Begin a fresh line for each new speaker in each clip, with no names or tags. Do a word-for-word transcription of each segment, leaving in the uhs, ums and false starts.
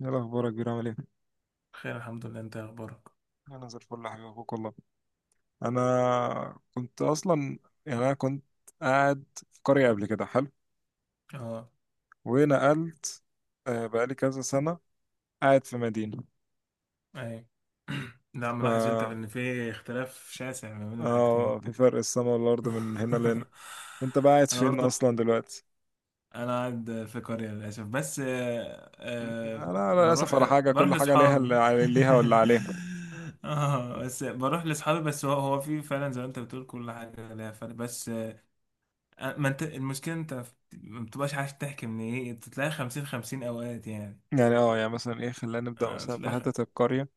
ايه الاخبار يا كبير؟ عامل ايه؟
خير الحمد لله، انت إيه اخبارك؟
انا زي الفل يا حبيبي، اخوك والله. انا كنت اصلا يعني انا كنت قاعد في قريه قبل كده، حلو،
اه.
ونقلت. آه، بقالي كذا سنه قاعد في مدينه.
اي. لا
ف
ملاحظ انت ان في اختلاف شاسع ما بين الحاجتين؟
اه في فرق السما والارض من هنا لهنا. انت بقى قاعد
انا
فين
برضو
اصلا دلوقتي؟
انا قاعد في قرية للاسف بس آه، آه،
انا للاسف على
بروح
حاجه،
بروح
كل حاجه ليها، اللي
لاصحابي.
علي- ليها واللي عليها.
اه بس بروح لاصحابي، بس هو هو في فعلا زي ما انت بتقول كل حاجة ليها فرق، بس آه، ما انت المشكلة انت ما بتبقاش عايز تحكي، من ايه تلاقي خمسين خمسين اوقات يعني.
يعني اه يعني مثلا ايه، خلينا نبدا
آه،
مثلا في
تلاقي خ-
حته القريه.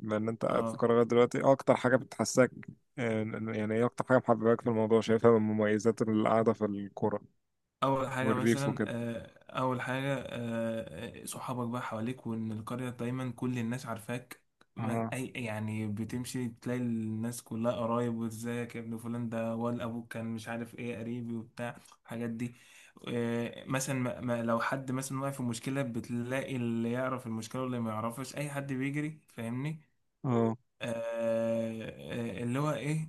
لان انت قاعد في
اه.
قرارات دلوقتي، إيه اكتر حاجه بتحسك؟ آه، يعني ايه اكتر حاجه محبباك في الموضوع، شايفها من مميزات القعده في القرى
اول حاجه
والريف
مثلا
وكده؟
آه، اول حاجه آه، صحابك بقى حواليك، وان القريه دايما كل الناس عارفاك. ما-
اه
اي يعني بتمشي تلاقي الناس كلها قرايب، وازيك يا ابن فلان، ده ولا ابوك، كان مش عارف ايه قريبي وبتاع الحاجات دي. آه، مثلا ما ما- لو حد مثلا واقع في مشكله، بتلاقي اللي يعرف المشكله واللي ما يعرفش، اي حد بيجري، فاهمني؟
اه
آه، آه، اللي هو ايه.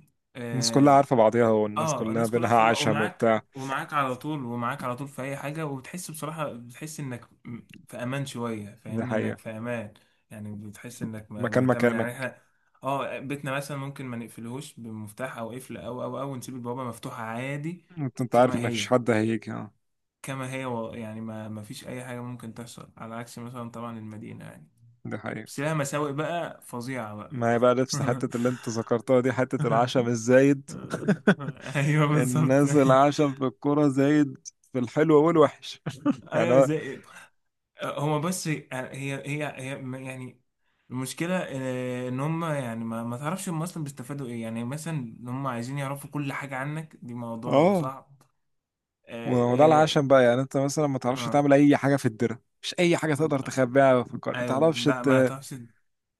الناس كلها
آه،
عارفه بعضيها والناس
اه
كلها
الناس كلها
بينها
خبر
عشم
ومعاك،
وبتاع.
ومعاك على طول، ومعاك على طول في اي حاجه، وبتحس بصراحه، بتحس انك م- في امان شويه،
دي
فاهمني؟ انك في
حقيقه.
امان. يعني بتحس انك م-
مكان
متامن. يعني
مكانك.
احنا اه بيتنا مثلا ممكن ما نقفلهوش بمفتاح او قفل، او او او نسيب البوابه مفتوحه عادي،
انت انت عارف
كما
ان مفيش
هي،
حد هيجي. اه.
كما هي و- يعني ما ما فيش اي حاجه ممكن تحصل، على عكس مثلا طبعا المدينه يعني،
دي حقيقه.
بس لها مساوئ بقى فظيعه بقى.
ما هي بقى نفس حتة اللي انت ذكرتها دي، حتة العشم الزايد.
ايوه بالظبط.
الناس العشم في الكرة زايد، في الحلو والوحش. يعني
ايوه
هو-
زي هو بس آه، هي هي هي يعني المشكلة آه، إن هم يعني ما, ما تعرفش هم أصلا بيستفادوا إيه، يعني مثلا إن هم عايزين يعرفوا كل حاجة عنك، دي موضوع
اه
صعب.
وده
آه
العشم
آه,
بقى. يعني انت مثلا ما تعرفش
آه
تعمل اي حاجه في الدره، مش اي حاجه تقدر
آه،
تخبيها في القرية، ما
أيوه
تعرفش
ده ما
ت-
تعرفش،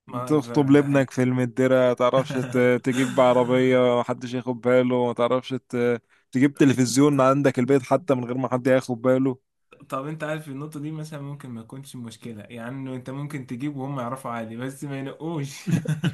ما
تخطب
فعلا ده
لابنك
حقيقي.
في المدره، ما تعرفش ت- تجيب عربيه ما حدش ياخد باله، ما تعرفش ت- تجيب تلفزيون عندك البيت حتى من غير ما حد ياخد باله.
طب انت عارف النقطة دي مثلا ممكن ما تكونش مشكلة، يعني انه انت ممكن تجيب وهم يعرفوا عادي بس ما ينقوش.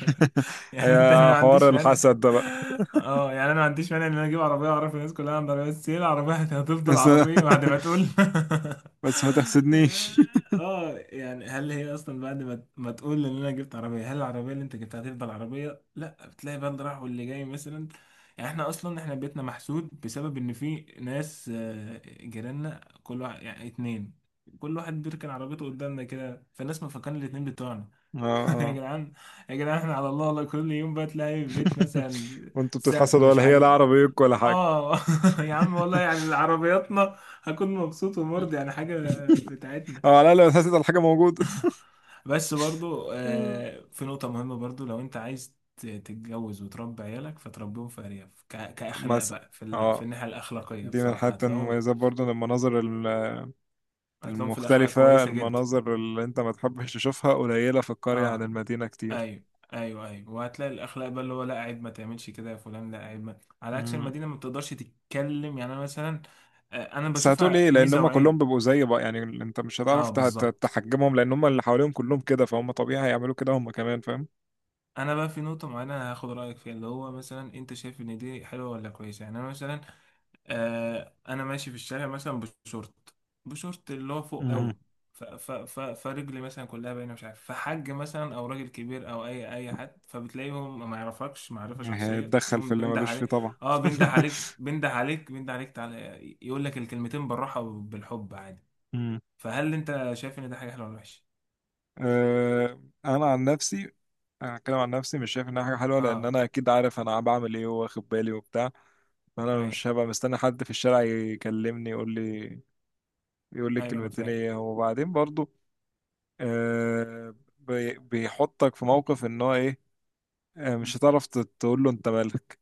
يعني انت، انا
يا
ما
حوار
عنديش مانع.
الحسد ده بقى.
اه يعني انا ما عنديش مانع ان انا اجيب عربية واعرف الناس كلها عندها عربية، بس هي العربية هتفضل
بس
عربية بعد ما تقول.
بس ما تحسدنيش.
اه يعني هل هي اصلا بعد ما ما تقول ان انا جبت عربية، هل العربية اللي انت جبتها هتفضل عربية؟ لا بتلاقي بقى اللي راح واللي جاي مثلا. يعني احنا اصلا احنا بيتنا محسود، بسبب ان في ناس آه، جيراننا، كل واحد يعني اتنين، كل واحد بيركن عربيته قدامنا كده، فالناس مفكرين الاتنين بتوعنا.
اه
يا
اه
جدعان، يا جدعان احنا على الله والله، كل يوم بقى تلاقي في البيت مثلا
وانتوا
سقف
بتتحسدوا
مش
ولا هي؟ لا
عارف.
عربيتك ولا حاجه.
اه. يا عم والله يعني عربياتنا هكون مبسوط ومرضي يعني حاجة بتاعتنا.
اه. لا، لا بتحسد على حاجه موجوده.
بس برضو آه، في نقطة مهمة برضو، لو انت عايز ت- تتجوز وتربي عيالك، فتربيهم في أرياف ك- كأخلاق
مثلا.
بقى، في, ال... في
اه،
الناحية الأخلاقية
دي من
بصراحة
الحاجات
هتلاقيهم،
المميزة برضو، إن المناظر ال-
هتلاقيهم في الأخلاق
المختلفة،
كويسة جدا.
المناظر اللي انت ما تحبش تشوفها قليلة في القرية عن
اه
المدينة كتير.
ايوه. ايوه ايوه وهتلاقي الاخلاق بقى، اللي هو لا عيب ما تعملش كده يا فلان، لا عيب ما. على عكس
مم.
المدينه ما بتقدرش تتكلم. يعني انا مثلا آه، انا
بس هتقول
بشوفها
ايه؟ لان
ميزه
هم كلهم
وعيب.
بيبقوا زي بقى، يعني انت مش
اه
هتعرف ته- ته-
بالظبط.
تحجمهم، لان هم اللي حواليهم كلهم كده، فهم طبيعي هيعملوا كده هم كمان، فاهم؟
انا بقى في نقطه معينه هاخد رايك فيها، اللي هو مثلا انت شايف ان دي حلوه ولا كويسه. يعني انا مثلا آه انا ماشي في الشارع مثلا بشورت بشورت اللي هو فوق
مم.
قوي، ف ف ف فرجلي مثلا كلها باينه مش عارف، فحج مثلا او راجل كبير او اي اي حد، فبتلاقيهم ما يعرفكش معرفه
يعني
شخصيه،
هيتدخل في
يقوم
اللي
بينده
ملوش فيه
عليك.
طبعا.
اه بينده عليك بينده عليك بينده عليك، تعالى يقول لك الكلمتين بالراحه وبالحب عادي.
مم.
فهل انت شايف ان ده حاجه حلوه ولا وحشه؟
آه، انا عن نفسي، انا هتكلم عن نفسي، مش شايف انها حاجه حلوه، لان
اه
انا اكيد عارف انا بعمل ايه واخد بالي وبتاع. فانا
ايوه،
مش هبقى مستني حد في الشارع يكلمني، يقول لي يقول لي
ايوه انا
الكلمتين
فاهم.
ايه، وبعدين برضو آه بي- بيحطك في موقف ان هو ايه، آه مش هتعرف ت- تقول له انت مالك.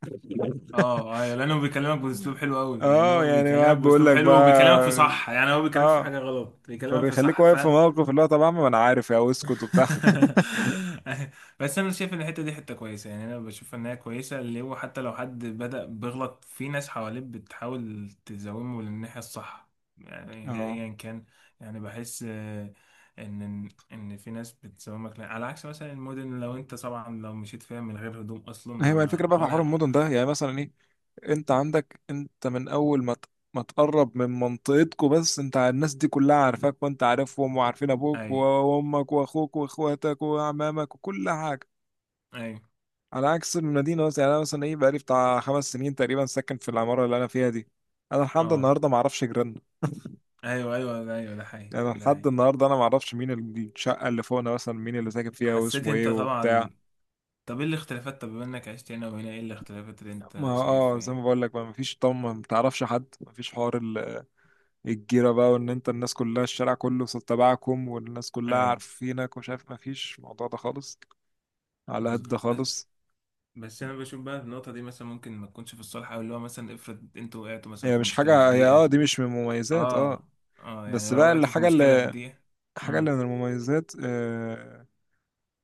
اه ايوه لانه بيكلمك باسلوب حلو قوي، يعني
اه
هو
يعني هو
بيكلمك
قاعد بيقول
باسلوب
لك
حلو
بقى.
وبيكلمك في صح، يعني هو ما بيكلمش في
اه.
حاجه غلط، بيكلمك في
فبيخليك
صح ف.
واقف في موقف اللي هو طب يا عم، ما انا عارف، يا اسكت وبتاع.
بس انا شايف ان الحته دي حته كويسه، يعني انا بشوف ان هي كويسه، اللي هو حتى لو حد بدأ بيغلط، في ناس حواليه بتحاول تزومه للناحيه الصح، يعني
اه.
ايا كان. يعني بحس آه، ان ان في ناس بتزومك لا، على عكس مثلا المدن، لو انت طبعا لو مشيت فيها من غير هدوم اصلا
هي بقى
ما
الفكره بقى في حوار
ولا
المدن ده، يعني مثلا انت عندك، انت من اول ما ت- ما تقرب من منطقتكم بس، انت ع- الناس دي كلها عارفاك، وانت عارفهم وعارفين ابوك
اي
وامك واخوك واخواتك وعمامك وكل حاجه.
اي
على عكس المدينه مثلا، يعني انا مثلا ايه، بقالي بتاع خمس سنين تقريبا ساكن في العماره اللي انا فيها دي، انا لحد
اه.
النهارده ما اعرفش جيراننا.
ايوه ايوه ده ايوه، ده حقيقي
يعني
ده
لحد
حقيقي.
النهارده انا ما اعرفش مين الشقه اللي فوقنا مثلا، مين اللي ساكن فيها
حسيت
واسمه
انت
ايه وبتاع.
طبعا. طب ايه الاختلافات، طب بما انك عشت هنا وهنا، ايه الاختلافات اللي
ما
انت
اه
شايفها
زي
يعني؟
ما بقول لك، ما مفيش طم، ما بتعرفش حد، مفيش حوار الجيرة بقى، وان انت الناس كلها الشارع كله صوت تبعكم والناس كلها
ايوه.
عارفينك ومش عارف، مفيش الموضوع ده خالص. على
بس
قد ده
بس
خالص.
بس انا بشوف بقى في النقطه دي مثلا ممكن ما تكونش في الصالح، او اللي هو مثلا افرض انتوا وقعتوا مثلا
هي
في
مش
مشكله في
حاجة هي، اه
دقيقه.
دي مش من المميزات. اه
اه اه يعني
بس
لو
بقى
وقعتوا في
الحاجة
مشكله في
اللي
دقيقه.
حاجة اللي
امم
من المميزات آه،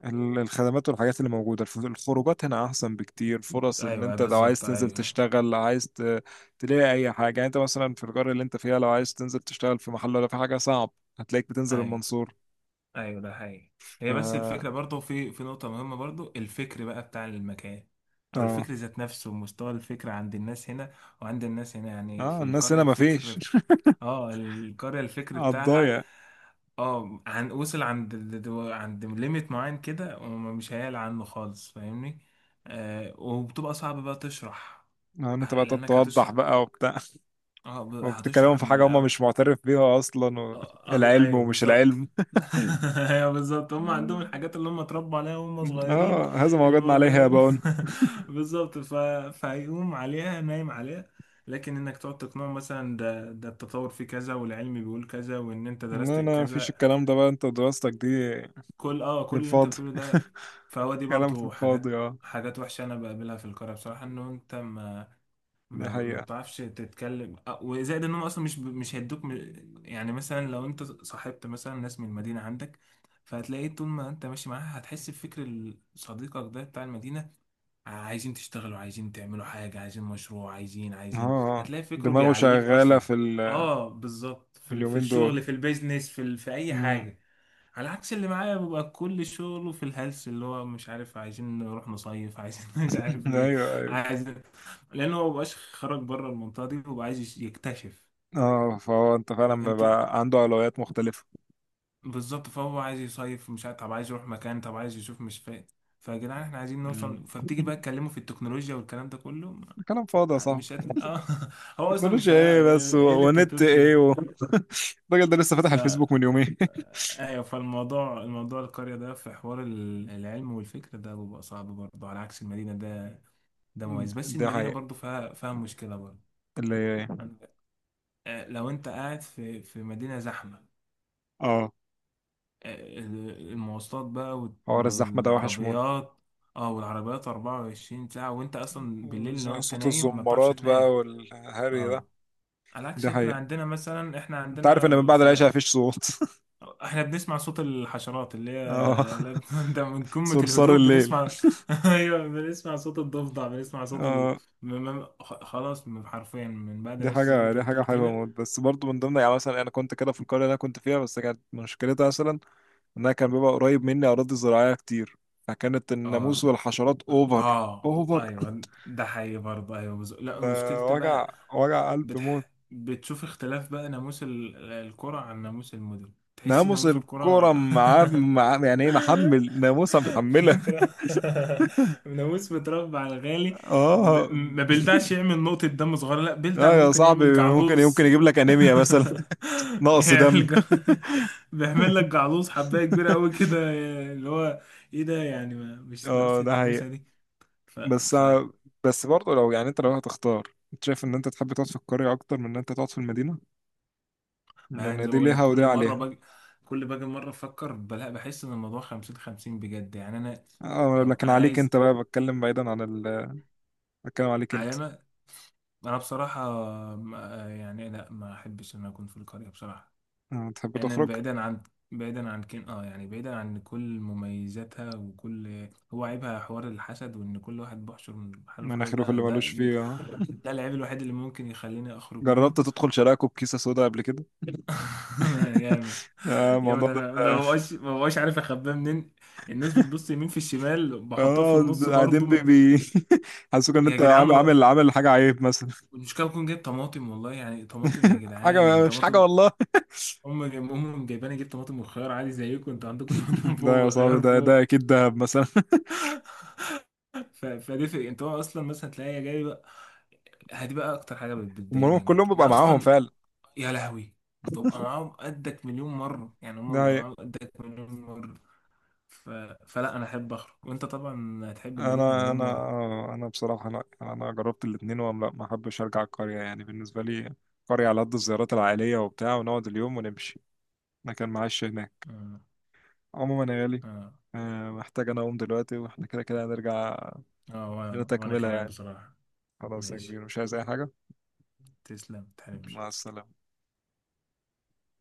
ال- الخدمات والحاجات اللي موجودة، الف- الخروجات هنا أحسن بكتير، فرص
ايوه،
إن
أيوه
أنت لو عايز
بالظبط،
تنزل
ايوه.
تشتغل، لو عايز ت- تلاقي أي حاجة. يعني أنت مثلا في القرية اللي أنت فيها لو عايز تنزل تشتغل في محل ولا في حاجة صعب، هتلاقيك بتنزل
ايوه
المنصورة.
ايوه ده حقيقي.
ف
هي بس الفكره برضه، في في نقطه مهمه برضه، الفكر بقى بتاع المكان، او
اه
الفكر ذات نفسه، مستوى الفكر عند الناس هنا وعند الناس هنا. يعني في
اه الناس
القريه
هنا مفيش
الفكر. اه القريه الفكر بتاعها
قضايا،
اه، عن وصل عند ال- دو- عند ليميت معين كده، ومش هيعلى عنه خالص، فاهمني؟ آه وبتبقى صعب بقى تشرح.
يعني انت
آه،
بقى تقعد
لانك
توضح
هتشرح.
بقى وبتاع.
اه ب-
وبتكلمهم
هتشرح
في
من
حاجة هم
الاول.
مش معترف بيها أصلا، و...
آه، ال-
العلم
ايوه
ومش
بالظبط.
العلم.
ايوه بالظبط، هم عندهم الحاجات اللي هم اتربوا عليها وهم صغيرين.
اه، هذا ما وجدنا عليه يا
الموضوع
بون.
بالظبط ف... فهيقوم عليها نايم عليها، لكن انك تقعد تقنعه مثلا ده ده التطور في كذا، والعلم بيقول كذا، وان انت درست
لا لا، مفيش
كذا،
الكلام ده بقى، انت ودراستك دي
كل اه كل اللي انت
للفاضي،
بتقوله ده. فهو دي
كلام في
برضو حاجات،
الفاضي. اه،
حاجات وحشة انا بقابلها في القرى بصراحة، انه انت ما
دي
ما ما
حقيقة.
بتعرفش تتكلم أ- وزائد انهم اصلا مش ب- مش هيدوك م- يعني مثلا لو انت صاحبت مثلا ناس من المدينه عندك، فهتلاقي طول ما انت ماشي معاها، هتحس بفكر ال- صديقك ده بتاع المدينه. عايزين تشتغلوا، عايزين تعملوا حاجه، عايزين مشروع، عايزين
اه
عايزين
آه.
هتلاقي فكره
دماغه
بيعليك
شغالة
اصلا.
في ال...
اه بالظبط
في
في ال- في
اليومين
الشغل،
دول.
في البيزنس، في ال- في اي
مم.
حاجه. على عكس اللي معايا، بيبقى كل شغله في الهلس، اللي هو مش عارف عايزين نروح نصيف، عايزين مش عارف ايه،
ايوه ايوه.
عايز. لان هو مبقاش خرج بره المنطقه دي، وبقى عايز يكتشف.
اه فهو انت
لكن
فعلا
انت
بقى عنده أولويات مختلفة.
بالظبط، فهو عايز يصيف مش عارف، طب عايز يروح مكان، طب عايز يشوف مش فاهم، فيا جدعان احنا عايزين
مم.
نوصل. فبتيجي بقى تكلمه في التكنولوجيا والكلام ده كله،
كلام فاضي يا صاحبي،
مش هتل... اه. هو اصلا مش
تكنولوجيا
هي...
ايه بس،
ايه
و-
اللي انت هتقول
ونت
في
ايه. و... الراجل ده لسه فاتح
ده.
الفيسبوك من يومين.
ايوه، فالموضوع، الموضوع القرية ده في حوار ال- العلم والفكر ده بيبقى صعب برضه، على عكس المدينة ده، ده مميز. بس
ده
المدينة
حقيقة
برضه فيها، فيها مشكلة برضه
اللي.
عن- آه، لو انت قاعد في في مدينة زحمة
اه
آه، المواصلات بقى وال-
حوار الزحمة ده وحش موت.
والعربيات. اه والعربيات اربعة وعشرين ساعة، وانت اصلا بالليل
وز-
لو انت
صوت
نايم ما بتعرفش
الزمارات بقى
تنام.
والهري ده.
اه على عكس
ده
احنا
حقيقة.
عندنا مثلا، احنا
انت عارف
عندنا
ان من بعد
في
العشاء
ال-
مفيش صوت.
احنا بنسمع صوت الحشرات اللي هي،
اه
اللي هي ده من قمة
صرصار
الهدوء
الليل.
بنسمع. ايوه بنسمع صوت الضفدع، بنسمع صوت ال...
اه،
م- م- خ- خلاص من- حرفيا من بعد
دي
العيش زي ما
حاجة
انت
دي حاجة
بتقول
حلوة
كده.
موت، بس برضو من ضمن، يعني مثلا أنا كنت كده في القرية اللي أنا كنت فيها بس، كانت مشكلتها مثلا إنها كان بيبقى قريب مني أراضي زراعية كتير، فكانت الناموس
اه
والحشرات أوفر.
اه
أوفر.
ايوه ده حقيقي برضه، ايوه بز... لا
ده
مشكلتي بقى.
وجع، وجع قلب موت.
بتح... بتشوف اختلاف بقى ناموس ال- القرى عن ناموس المدن، تحس إن
ناموس
ناموس
الكرة
القرى.
معاه مع، يعني ايه، محمل ناموسة محملة.
ناموس متربع على غالي. ب-
اه،
ما بيلدعش يعمل نقطة دم صغيرة، لا بيلدع
لا يا
ممكن
صاحبي،
يعمل
ممكن يمكن
جعلوص.
يجيب لك انيميا مثلا. نقص
يعمل
دم.
جع... بيعمل لك جعلوص حباية كبيرة قوي كده، اللي هو ايه ده، يعني ما مش
اه
ناقصة
ده
ناموسة
حقيقة.
دي. ف
بس
ف
بس برضه لو، يعني انت لو هتختار، انت شايف ان انت تحب تقعد في القرية اكتر من ان انت تقعد في المدينة،
ما يعني
لان
زي ما
دي
بقول لك
ليها ودي
كل مرة
عليها.
باجي، كل باجي مرة افكر بلا، بحس ان الموضوع خمسين خمسين بجد، يعني انا
اه
ببقى
لكن عليك
عايز.
انت بقى، بتكلم بعيدا عن ال... بتكلم عليك
يعني
انت.
انا انا بصراحة ما- يعني لا، ما احبش ان أنا اكون في القرية بصراحة.
آه، تحب
انا
تخرج.
بعيدا عن، بعيدا عن كين، اه يعني بعيدا عن كل مميزاتها، وكل هو عيبها حوار الحسد، وان كل واحد بحشر من حاله في حاله،
مناخيره في
ده
اللي ملوش
ده
فيه. اه
ده العيب الوحيد اللي ممكن يخليني اخرج منه.
جربت تدخل شراكه بكيسة سودا قبل كده؟
ياما.
آه،
ياما
الموضوع
ده
ده.
أنا- ده ما بقاش ما بقاش عارف اخباه منين، الناس بتبص يمين في الشمال، بحطها في
اه،
النص برضه
قاعدين بي
ما-
بي. حاسسوك ان
يا
انت
جدعان
عامل
ما-
عامل عامل حاجة عيب مثلا.
المشكله بكون جايب طماطم والله، يعني طماطم، يا جدعان
حاجة مش حاجة
طماطم،
والله.
هم جايب امهم جايباني، جبت طماطم وخيار عادي زيكم انتوا عندكم. طماطم
ده يا
فوق
صاحبي،
وخيار
ده
فوق.
ده اكيد دهب مثلا.
ف- فده في انت، هو اصلا مثلا تلاقيها جاي بقى، هدي بقى اكتر حاجه بت- بتضايقني.
المهم كلهم
انا
بيبقى معاهم
اصلا،
فعلا.
يا لهوي ببقى معاهم قدك مليون مره، يعني هم
ده
بيبقوا
هي.
معاهم قدك مليون مره ف... فلا انا احب اخرج، وانت طبعا هتحب المدينه
انا
مليون
انا
مره.
آه، انا بصراحة لا، انا جربت الاتنين، وما لا، ما احبش ارجع القرية. يعني بالنسبة لي قرية على قد الزيارات العائلية وبتاع، ونقعد اليوم ونمشي. انا كان معاش هناك
اه.
عموما يا غالي.
اه,
آه، محتاج انا اقوم دلوقتي، واحنا كده كده هنرجع،
آه
لنا
وأنا... وانا
تكملة
كمان
يعني.
بصراحه.
خلاص يا
ماشي،
كبير مش عايز أي حاجة.
تسلم متحرمش.
مع السلامة.